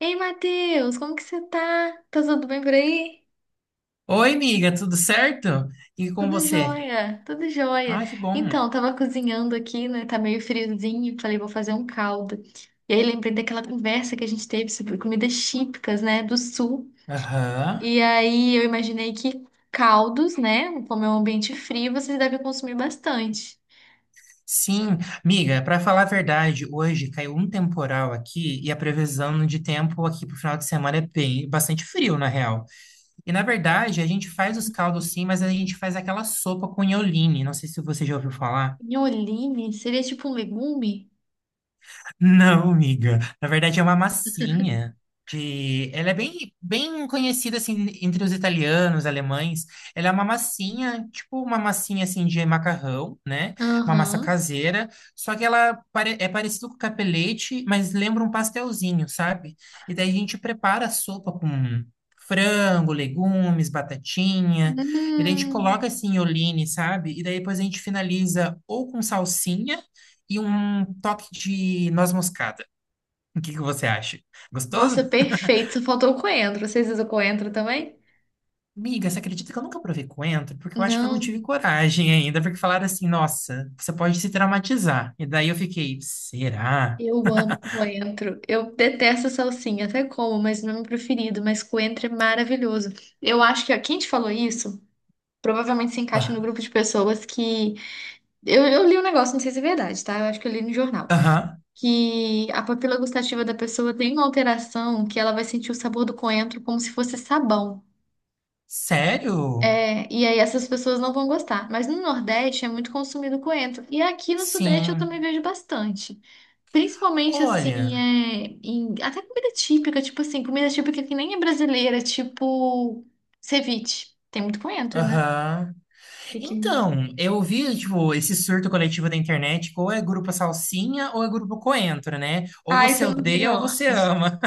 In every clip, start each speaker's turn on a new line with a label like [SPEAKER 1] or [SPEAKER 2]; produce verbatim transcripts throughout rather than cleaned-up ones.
[SPEAKER 1] Ei, Matheus, como que você tá? Tá tudo bem por aí?
[SPEAKER 2] Oi, amiga, tudo certo? E com
[SPEAKER 1] Tudo
[SPEAKER 2] você?
[SPEAKER 1] jóia, tudo jóia.
[SPEAKER 2] Ah, que bom.
[SPEAKER 1] Então, tava cozinhando aqui, né? Tá meio friozinho, falei, vou fazer um caldo. E aí lembrei daquela conversa que a gente teve sobre comidas típicas, né, do sul.
[SPEAKER 2] Aham.
[SPEAKER 1] E aí eu imaginei que caldos, né, como é um ambiente frio, vocês devem consumir bastante.
[SPEAKER 2] Sim, amiga, para falar a verdade, hoje caiu um temporal aqui e a previsão de tempo aqui pro final de semana é bem, bastante frio, na real. E na verdade, a gente faz os caldos sim, mas a gente faz aquela sopa com ioline. Não sei se você já ouviu falar.
[SPEAKER 1] Nholine seria tipo um legume?
[SPEAKER 2] Não, amiga. Na verdade, é uma massinha de. Ela é bem, bem conhecida assim entre os italianos, alemães. Ela é uma massinha, tipo uma massinha assim de macarrão, né? Uma massa
[SPEAKER 1] Aham.
[SPEAKER 2] caseira. Só que ela pare- é parecido com capelete, mas lembra um pastelzinho, sabe? E daí a gente prepara a sopa com frango, legumes, batatinha. E daí a gente
[SPEAKER 1] Hum.
[SPEAKER 2] coloca assim, olhine, sabe? E daí depois a gente finaliza ou com salsinha e um toque de noz moscada. O que que você acha? Gostoso?
[SPEAKER 1] Nossa, perfeito. Só faltou o coentro. Vocês usam coentro também?
[SPEAKER 2] Miga, você acredita que eu nunca provei coentro? Porque eu acho que eu não tive
[SPEAKER 1] Não.
[SPEAKER 2] coragem ainda, porque falaram assim, nossa, você pode se traumatizar. E daí eu fiquei, será?
[SPEAKER 1] Eu amo coentro. Eu detesto salsinha, até como, mas não é meu preferido. Mas coentro é maravilhoso. Eu acho que ó, quem te falou isso provavelmente se encaixa no
[SPEAKER 2] Ah.
[SPEAKER 1] grupo de pessoas que. Eu, eu li um negócio, não sei se é verdade, tá? Eu acho que eu li no jornal.
[SPEAKER 2] Aham.
[SPEAKER 1] Que a papila gustativa da pessoa tem uma alteração que ela vai sentir o sabor do coentro como se fosse sabão.
[SPEAKER 2] Sério?
[SPEAKER 1] É, e aí essas pessoas não vão gostar. Mas no Nordeste é muito consumido coentro. E aqui no Sudeste eu também
[SPEAKER 2] Sim.
[SPEAKER 1] vejo bastante. Principalmente assim,
[SPEAKER 2] Olha,
[SPEAKER 1] é, em- até comida típica, tipo assim, comida típica que nem é brasileira, tipo ceviche. Tem muito coentro, né?
[SPEAKER 2] aham.
[SPEAKER 1] E
[SPEAKER 2] Então, eu vi, tipo, esse surto coletivo da internet, que ou é grupo Salsinha ou é grupo Coentro, né? Ou
[SPEAKER 1] Ah, isso
[SPEAKER 2] você
[SPEAKER 1] eu não vi,
[SPEAKER 2] odeia ou
[SPEAKER 1] não.
[SPEAKER 2] você ama.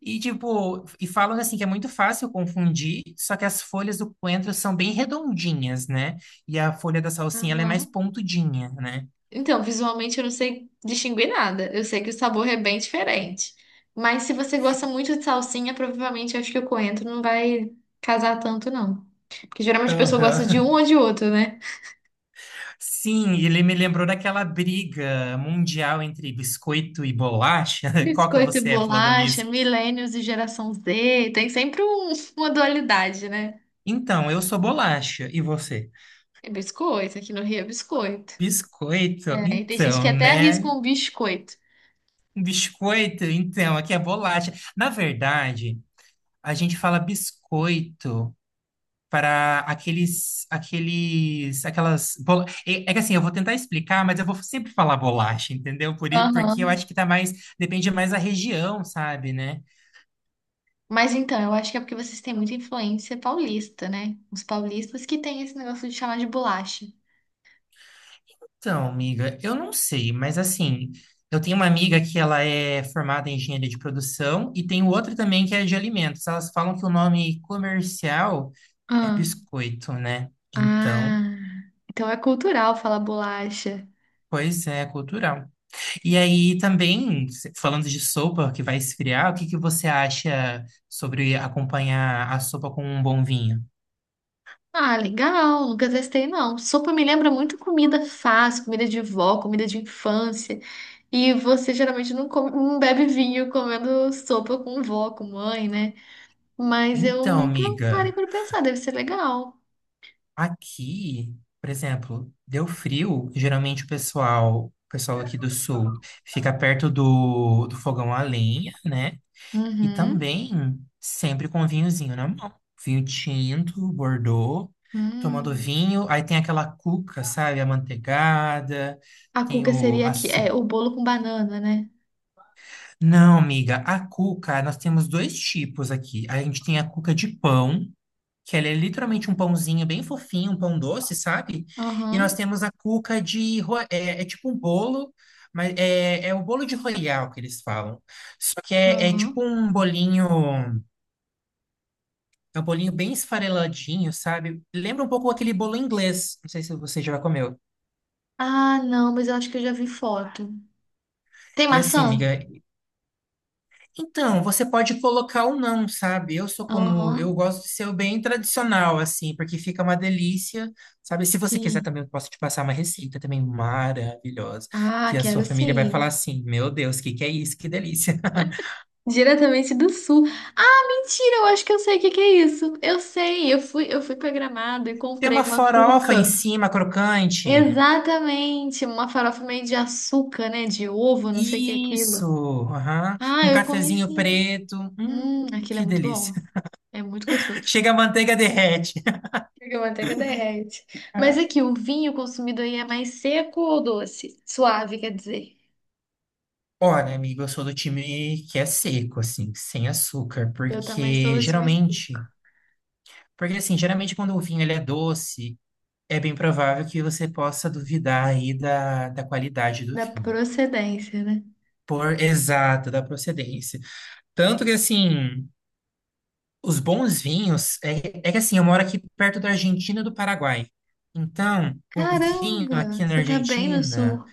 [SPEAKER 2] E tipo, e falam assim que é muito fácil confundir, só que as folhas do coentro são bem redondinhas, né? E a folha da salsinha ela é mais
[SPEAKER 1] Aham.
[SPEAKER 2] pontudinha, né?
[SPEAKER 1] Então, visualmente eu não sei distinguir nada. Eu sei que o sabor é bem diferente. Mas se você gosta muito de salsinha, provavelmente acho que o coentro não vai casar tanto, não. Porque geralmente a pessoa gosta de
[SPEAKER 2] Aham.
[SPEAKER 1] um ou de outro, né?
[SPEAKER 2] Sim, ele me lembrou daquela briga mundial entre biscoito e bolacha. Qual que
[SPEAKER 1] Biscoito e
[SPEAKER 2] você é falando
[SPEAKER 1] bolacha,
[SPEAKER 2] nisso?
[SPEAKER 1] millennials e geração Z, tem sempre um- uma dualidade, né?
[SPEAKER 2] Então, eu sou bolacha, e você?
[SPEAKER 1] É biscoito, aqui no Rio é biscoito.
[SPEAKER 2] Biscoito?
[SPEAKER 1] É, e tem gente que
[SPEAKER 2] Então,
[SPEAKER 1] até
[SPEAKER 2] né?
[SPEAKER 1] arrisca um biscoito.
[SPEAKER 2] Biscoito, então, aqui é bolacha. Na verdade, a gente fala biscoito para aqueles, aqueles, aquelas bola... É, é que assim, eu vou tentar explicar, mas eu vou sempre falar bolacha, entendeu? Por, i- porque eu
[SPEAKER 1] Aham.
[SPEAKER 2] acho que tá mais, depende mais da região, sabe, né?
[SPEAKER 1] Mas então, eu acho que é porque vocês têm muita influência paulista, né? Os paulistas que têm esse negócio de chamar de bolacha.
[SPEAKER 2] Então, amiga, eu não sei, mas assim, eu tenho uma amiga que ela é formada em engenharia de produção e tem outra também que é de alimentos. Elas falam que o nome comercial é
[SPEAKER 1] Ah,
[SPEAKER 2] biscoito, né? Então,
[SPEAKER 1] ah, então é cultural falar bolacha.
[SPEAKER 2] pois é, cultural. E aí também, se- falando de sopa que vai esfriar, o que que você acha sobre acompanhar a sopa com um bom vinho?
[SPEAKER 1] Ah, legal, nunca testei não. Sopa me lembra muito comida fácil, comida de vó, comida de infância. E você geralmente não come- não bebe vinho comendo sopa com vó, com mãe, né? Mas eu
[SPEAKER 2] Então,
[SPEAKER 1] nunca parei
[SPEAKER 2] amiga,
[SPEAKER 1] para pensar, deve ser legal.
[SPEAKER 2] aqui, por exemplo, deu frio, geralmente o pessoal, o pessoal aqui do sul fica perto do, do fogão a lenha, né? E
[SPEAKER 1] Uhum.
[SPEAKER 2] também sempre com vinhozinho na mão. Vinho tinto, Bordeaux, tomando
[SPEAKER 1] Hum.
[SPEAKER 2] vinho, aí tem aquela cuca, sabe? Amanteigada
[SPEAKER 1] A
[SPEAKER 2] tem
[SPEAKER 1] cuca
[SPEAKER 2] o,
[SPEAKER 1] seria
[SPEAKER 2] a,
[SPEAKER 1] aqui, é
[SPEAKER 2] so-
[SPEAKER 1] o bolo com banana, né?
[SPEAKER 2] Não, amiga, a cuca, nós temos dois tipos aqui. A gente tem a cuca de pão, que ela é literalmente um pãozinho bem fofinho, um pão doce, sabe? E nós
[SPEAKER 1] Aham,
[SPEAKER 2] temos a cuca de... ro- É, é tipo um bolo, mas é, é o bolo de royal que eles falam. Só que é, é tipo
[SPEAKER 1] aham.
[SPEAKER 2] um bolinho... É um bolinho bem esfareladinho, sabe? Lembra um pouco aquele bolo inglês. Não sei se você já comeu.
[SPEAKER 1] Ah, não, mas eu acho que eu já vi foto. Tem
[SPEAKER 2] E assim,
[SPEAKER 1] maçã?
[SPEAKER 2] amiga, então, você pode colocar ou não, sabe? Eu sou como, eu
[SPEAKER 1] Aham,
[SPEAKER 2] gosto de ser o bem tradicional, assim, porque fica uma delícia, sabe? Se você quiser
[SPEAKER 1] sim.
[SPEAKER 2] também, eu posso te passar uma receita também maravilhosa, que
[SPEAKER 1] Ah,
[SPEAKER 2] a sua
[SPEAKER 1] quero
[SPEAKER 2] família vai falar
[SPEAKER 1] sim.
[SPEAKER 2] assim, meu Deus, o que que é isso? Que delícia.
[SPEAKER 1] Diretamente do sul. Ah, mentira, eu acho que eu sei o que que é isso. Eu sei, eu fui, eu fui para Gramado e
[SPEAKER 2] Tem
[SPEAKER 1] comprei
[SPEAKER 2] uma
[SPEAKER 1] uma
[SPEAKER 2] farofa em
[SPEAKER 1] cuca.
[SPEAKER 2] cima, crocante.
[SPEAKER 1] Exatamente, uma farofa meio de açúcar, né? De ovo, não sei o que é aquilo.
[SPEAKER 2] Isso, aham.
[SPEAKER 1] Ah,
[SPEAKER 2] Um
[SPEAKER 1] eu comi
[SPEAKER 2] cafezinho
[SPEAKER 1] sim.
[SPEAKER 2] preto.
[SPEAKER 1] Hum,
[SPEAKER 2] Hum,
[SPEAKER 1] aquilo é
[SPEAKER 2] que
[SPEAKER 1] muito
[SPEAKER 2] delícia.
[SPEAKER 1] bom. É muito gostoso.
[SPEAKER 2] Chega a manteiga derrete.
[SPEAKER 1] Porque a manteiga derrete. Mas aqui, o vinho consumido aí é mais seco ou doce? Suave, quer dizer.
[SPEAKER 2] Olha, amigo, eu sou do time que é seco, assim, sem açúcar,
[SPEAKER 1] Eu também sou
[SPEAKER 2] porque
[SPEAKER 1] do time sul.
[SPEAKER 2] geralmente, porque assim, geralmente quando o vinho ele é doce, é bem provável que você possa duvidar aí da, da qualidade do
[SPEAKER 1] Da
[SPEAKER 2] vinho,
[SPEAKER 1] procedência, né?
[SPEAKER 2] por exato, da procedência. Tanto que assim, os bons vinhos, é, é que assim, eu moro aqui perto da Argentina e do Paraguai. Então, o vinho
[SPEAKER 1] Caramba,
[SPEAKER 2] aqui na
[SPEAKER 1] você tá bem no
[SPEAKER 2] Argentina,
[SPEAKER 1] sul.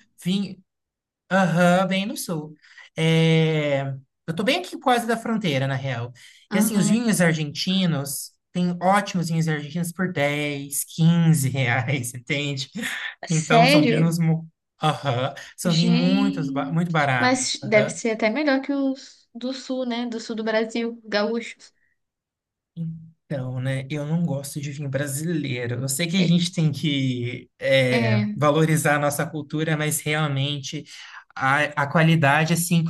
[SPEAKER 2] aham, bem no sul. É. Eu tô bem aqui quase da fronteira, na real. E assim, os
[SPEAKER 1] Aham.
[SPEAKER 2] vinhos argentinos, tem ótimos vinhos argentinos por dez, quinze reais, entende? Então, são
[SPEAKER 1] Sério?
[SPEAKER 2] vinhos... mu- Aham, são vinhos muito, ba- muito
[SPEAKER 1] Gente.
[SPEAKER 2] baratos.
[SPEAKER 1] Mas deve
[SPEAKER 2] Aham.
[SPEAKER 1] ser até melhor que os do sul, né? Do sul do Brasil, gaúchos.
[SPEAKER 2] Então, né, eu não gosto de vinho brasileiro. Eu sei que a
[SPEAKER 1] É,
[SPEAKER 2] gente tem que é,
[SPEAKER 1] é,
[SPEAKER 2] valorizar a nossa cultura, mas realmente a, a qualidade, assim,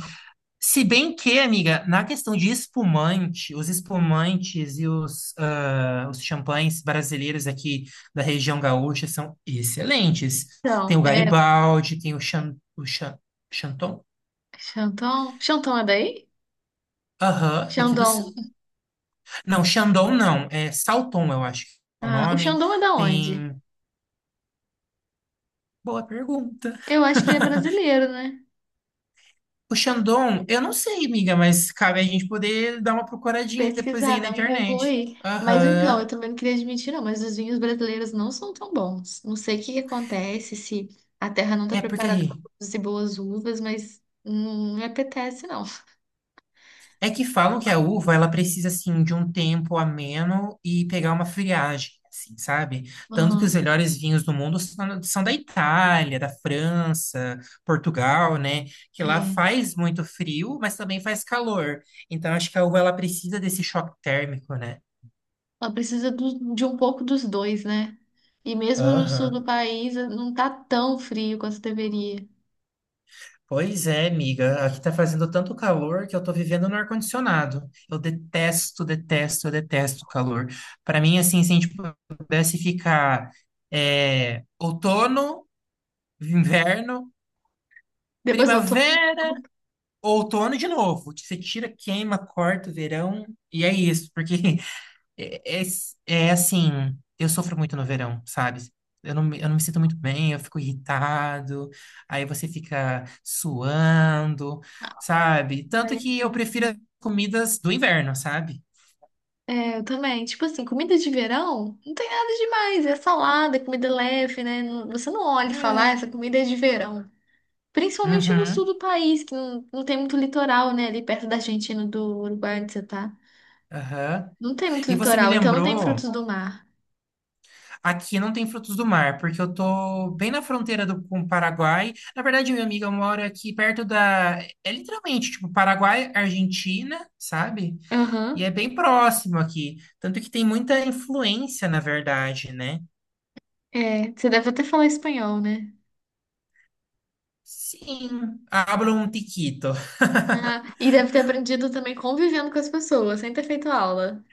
[SPEAKER 2] se bem que, amiga, na questão de espumante, os espumantes e os, ah, os champanhes brasileiros aqui da região gaúcha são excelentes. Tem
[SPEAKER 1] então,
[SPEAKER 2] o
[SPEAKER 1] é.
[SPEAKER 2] Garibaldi, tem o, Chan, o Chan, Chanton?
[SPEAKER 1] Xandão. Xandão é daí?
[SPEAKER 2] Aham, aqui do
[SPEAKER 1] Xandão.
[SPEAKER 2] sul. Não, Chandon não, é Salton, eu acho que é o
[SPEAKER 1] Ah, o
[SPEAKER 2] nome.
[SPEAKER 1] Xandão é da onde?
[SPEAKER 2] Tem. Boa pergunta.
[SPEAKER 1] Eu acho que ele é brasileiro, né?
[SPEAKER 2] O Chandon, eu não sei, amiga, mas cabe a gente poder dar uma procuradinha depois
[SPEAKER 1] Pesquisar,
[SPEAKER 2] aí na
[SPEAKER 1] dá um Google
[SPEAKER 2] internet.
[SPEAKER 1] aí. Mas então, eu
[SPEAKER 2] Aham.
[SPEAKER 1] também não queria admitir, não, mas os vinhos brasileiros não são tão bons. Não sei o que que acontece, se a terra não está
[SPEAKER 2] É porque
[SPEAKER 1] preparada para produzir boas uvas, mas não me apetece, não.
[SPEAKER 2] É que falam que a uva, ela precisa, assim, de um tempo ameno e pegar uma friagem, assim, sabe? Tanto que os
[SPEAKER 1] Aham,
[SPEAKER 2] melhores vinhos do mundo são são da Itália, da França, Portugal, né? Que lá
[SPEAKER 1] é.
[SPEAKER 2] faz muito frio, mas também faz calor. Então, acho que a uva, ela precisa desse choque térmico, né?
[SPEAKER 1] Ela precisa do- de um pouco dos dois, né? E mesmo no sul do
[SPEAKER 2] Aham.
[SPEAKER 1] país, não tá tão frio quanto deveria.
[SPEAKER 2] Pois é, amiga. Aqui tá fazendo tanto calor que eu tô vivendo no ar-condicionado. Eu detesto, detesto, eu detesto calor. Para mim, assim, se a gente pudesse ficar é, outono, inverno,
[SPEAKER 1] Depois voltou.
[SPEAKER 2] primavera, outono de novo. Você tira, queima, corta o verão e é isso. Porque É, é, é assim, eu sofro muito no verão, sabe? Eu não, me- eu não me sinto muito bem, eu fico irritado, aí você fica suando, sabe? Tanto que eu prefiro as comidas do inverno, sabe?
[SPEAKER 1] É, eu também. Tipo assim, comida de verão não tem nada demais. É salada, é comida leve, né? Não- Você não olha e fala, "Ah,
[SPEAKER 2] É.
[SPEAKER 1] essa comida é de verão. Principalmente no sul
[SPEAKER 2] Uhum,
[SPEAKER 1] do país, que não, não tem muito litoral, né? Ali perto da Argentina, do Uruguai, onde você tá.
[SPEAKER 2] aham.
[SPEAKER 1] Não tem muito
[SPEAKER 2] E você me
[SPEAKER 1] litoral, então não tem
[SPEAKER 2] lembrou,
[SPEAKER 1] frutos do mar.
[SPEAKER 2] aqui não tem frutos do mar, porque eu tô bem na fronteira do, com o Paraguai. Na verdade, minha amiga mora aqui perto da. É literalmente, tipo, Paraguai, Argentina, sabe? E
[SPEAKER 1] Aham.
[SPEAKER 2] é bem próximo aqui. Tanto que tem muita influência, na verdade, né?
[SPEAKER 1] É, você deve até falar espanhol, né?
[SPEAKER 2] Sim, hablo um tiquito.
[SPEAKER 1] Ah, e deve ter aprendido também convivendo com as pessoas, sem ter feito aula.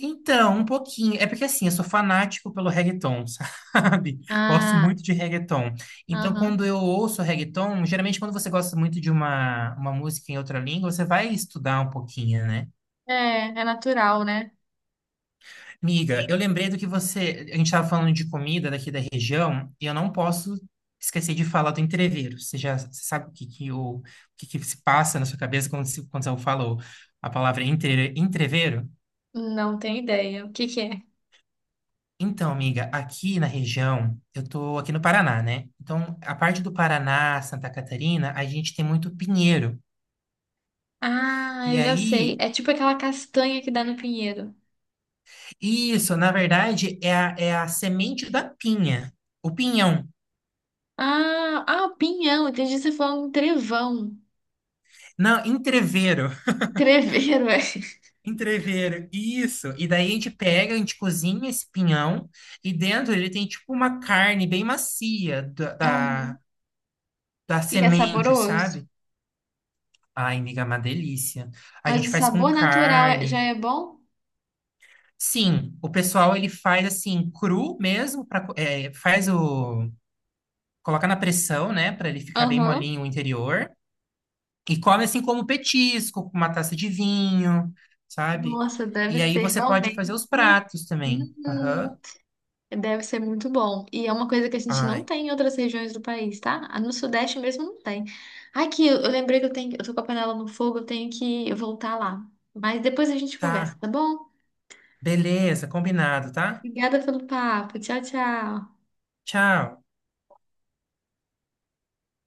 [SPEAKER 2] Então, um pouquinho. É porque assim, eu sou fanático pelo reggaeton, sabe? Gosto
[SPEAKER 1] Ah,
[SPEAKER 2] muito de reggaeton. Então,
[SPEAKER 1] aham.
[SPEAKER 2] quando eu ouço reggaeton, geralmente quando você gosta muito de uma, uma música em outra língua, você vai estudar um pouquinho, né?
[SPEAKER 1] É, é natural, né?
[SPEAKER 2] Miga,
[SPEAKER 1] Sim.
[SPEAKER 2] eu lembrei do que você. A gente estava falando de comida daqui da região, e eu não posso esquecer de falar do entrevero. Você já você sabe o que, que, o, o que, que se passa na sua cabeça quando, se, quando eu falo a palavra entre, entrevero?
[SPEAKER 1] Não tenho ideia. O que que é?
[SPEAKER 2] Então, amiga, aqui na região, eu tô aqui no Paraná, né? Então, a parte do Paraná, Santa Catarina, a gente tem muito pinheiro.
[SPEAKER 1] Ah,
[SPEAKER 2] E
[SPEAKER 1] eu já sei.
[SPEAKER 2] aí,
[SPEAKER 1] É tipo aquela castanha que dá no pinheiro.
[SPEAKER 2] isso, na verdade, é a, é a semente da pinha, o pinhão.
[SPEAKER 1] Ah, ah, pinhão. Entendi você falando trevão.
[SPEAKER 2] Não, entrevero.
[SPEAKER 1] Treveiro, é.
[SPEAKER 2] Entrever, isso. E daí a gente pega, a gente cozinha esse pinhão e dentro ele tem tipo uma carne bem macia da,
[SPEAKER 1] Ah,
[SPEAKER 2] da, da
[SPEAKER 1] e é
[SPEAKER 2] semente,
[SPEAKER 1] saboroso?
[SPEAKER 2] sabe? Ai, amiga, é uma delícia. A
[SPEAKER 1] Mas
[SPEAKER 2] gente
[SPEAKER 1] o
[SPEAKER 2] faz com
[SPEAKER 1] sabor natural é- já
[SPEAKER 2] carne.
[SPEAKER 1] é bom?
[SPEAKER 2] Sim, o pessoal ele faz assim, cru mesmo, pra, co- é, faz o... Coloca na pressão, né, para ele ficar bem
[SPEAKER 1] Aham.
[SPEAKER 2] molinho o interior. E come assim como petisco, com uma taça de vinho, sabe?
[SPEAKER 1] Nossa, deve
[SPEAKER 2] E aí
[SPEAKER 1] ser
[SPEAKER 2] você pode
[SPEAKER 1] realmente.
[SPEAKER 2] fazer os pratos também. Aham.
[SPEAKER 1] Hum, Deve ser muito bom. E é uma coisa que a gente não
[SPEAKER 2] Ai.
[SPEAKER 1] tem em outras regiões do país, tá? Ah, no Sudeste mesmo não tem. Aqui, eu eu lembrei que eu tenho, eu tô com a panela no fogo, eu tenho que voltar lá. Mas depois a gente conversa,
[SPEAKER 2] Tá.
[SPEAKER 1] tá bom?
[SPEAKER 2] Beleza, combinado, tá?
[SPEAKER 1] Obrigada pelo papo. Tchau, tchau.
[SPEAKER 2] Tchau.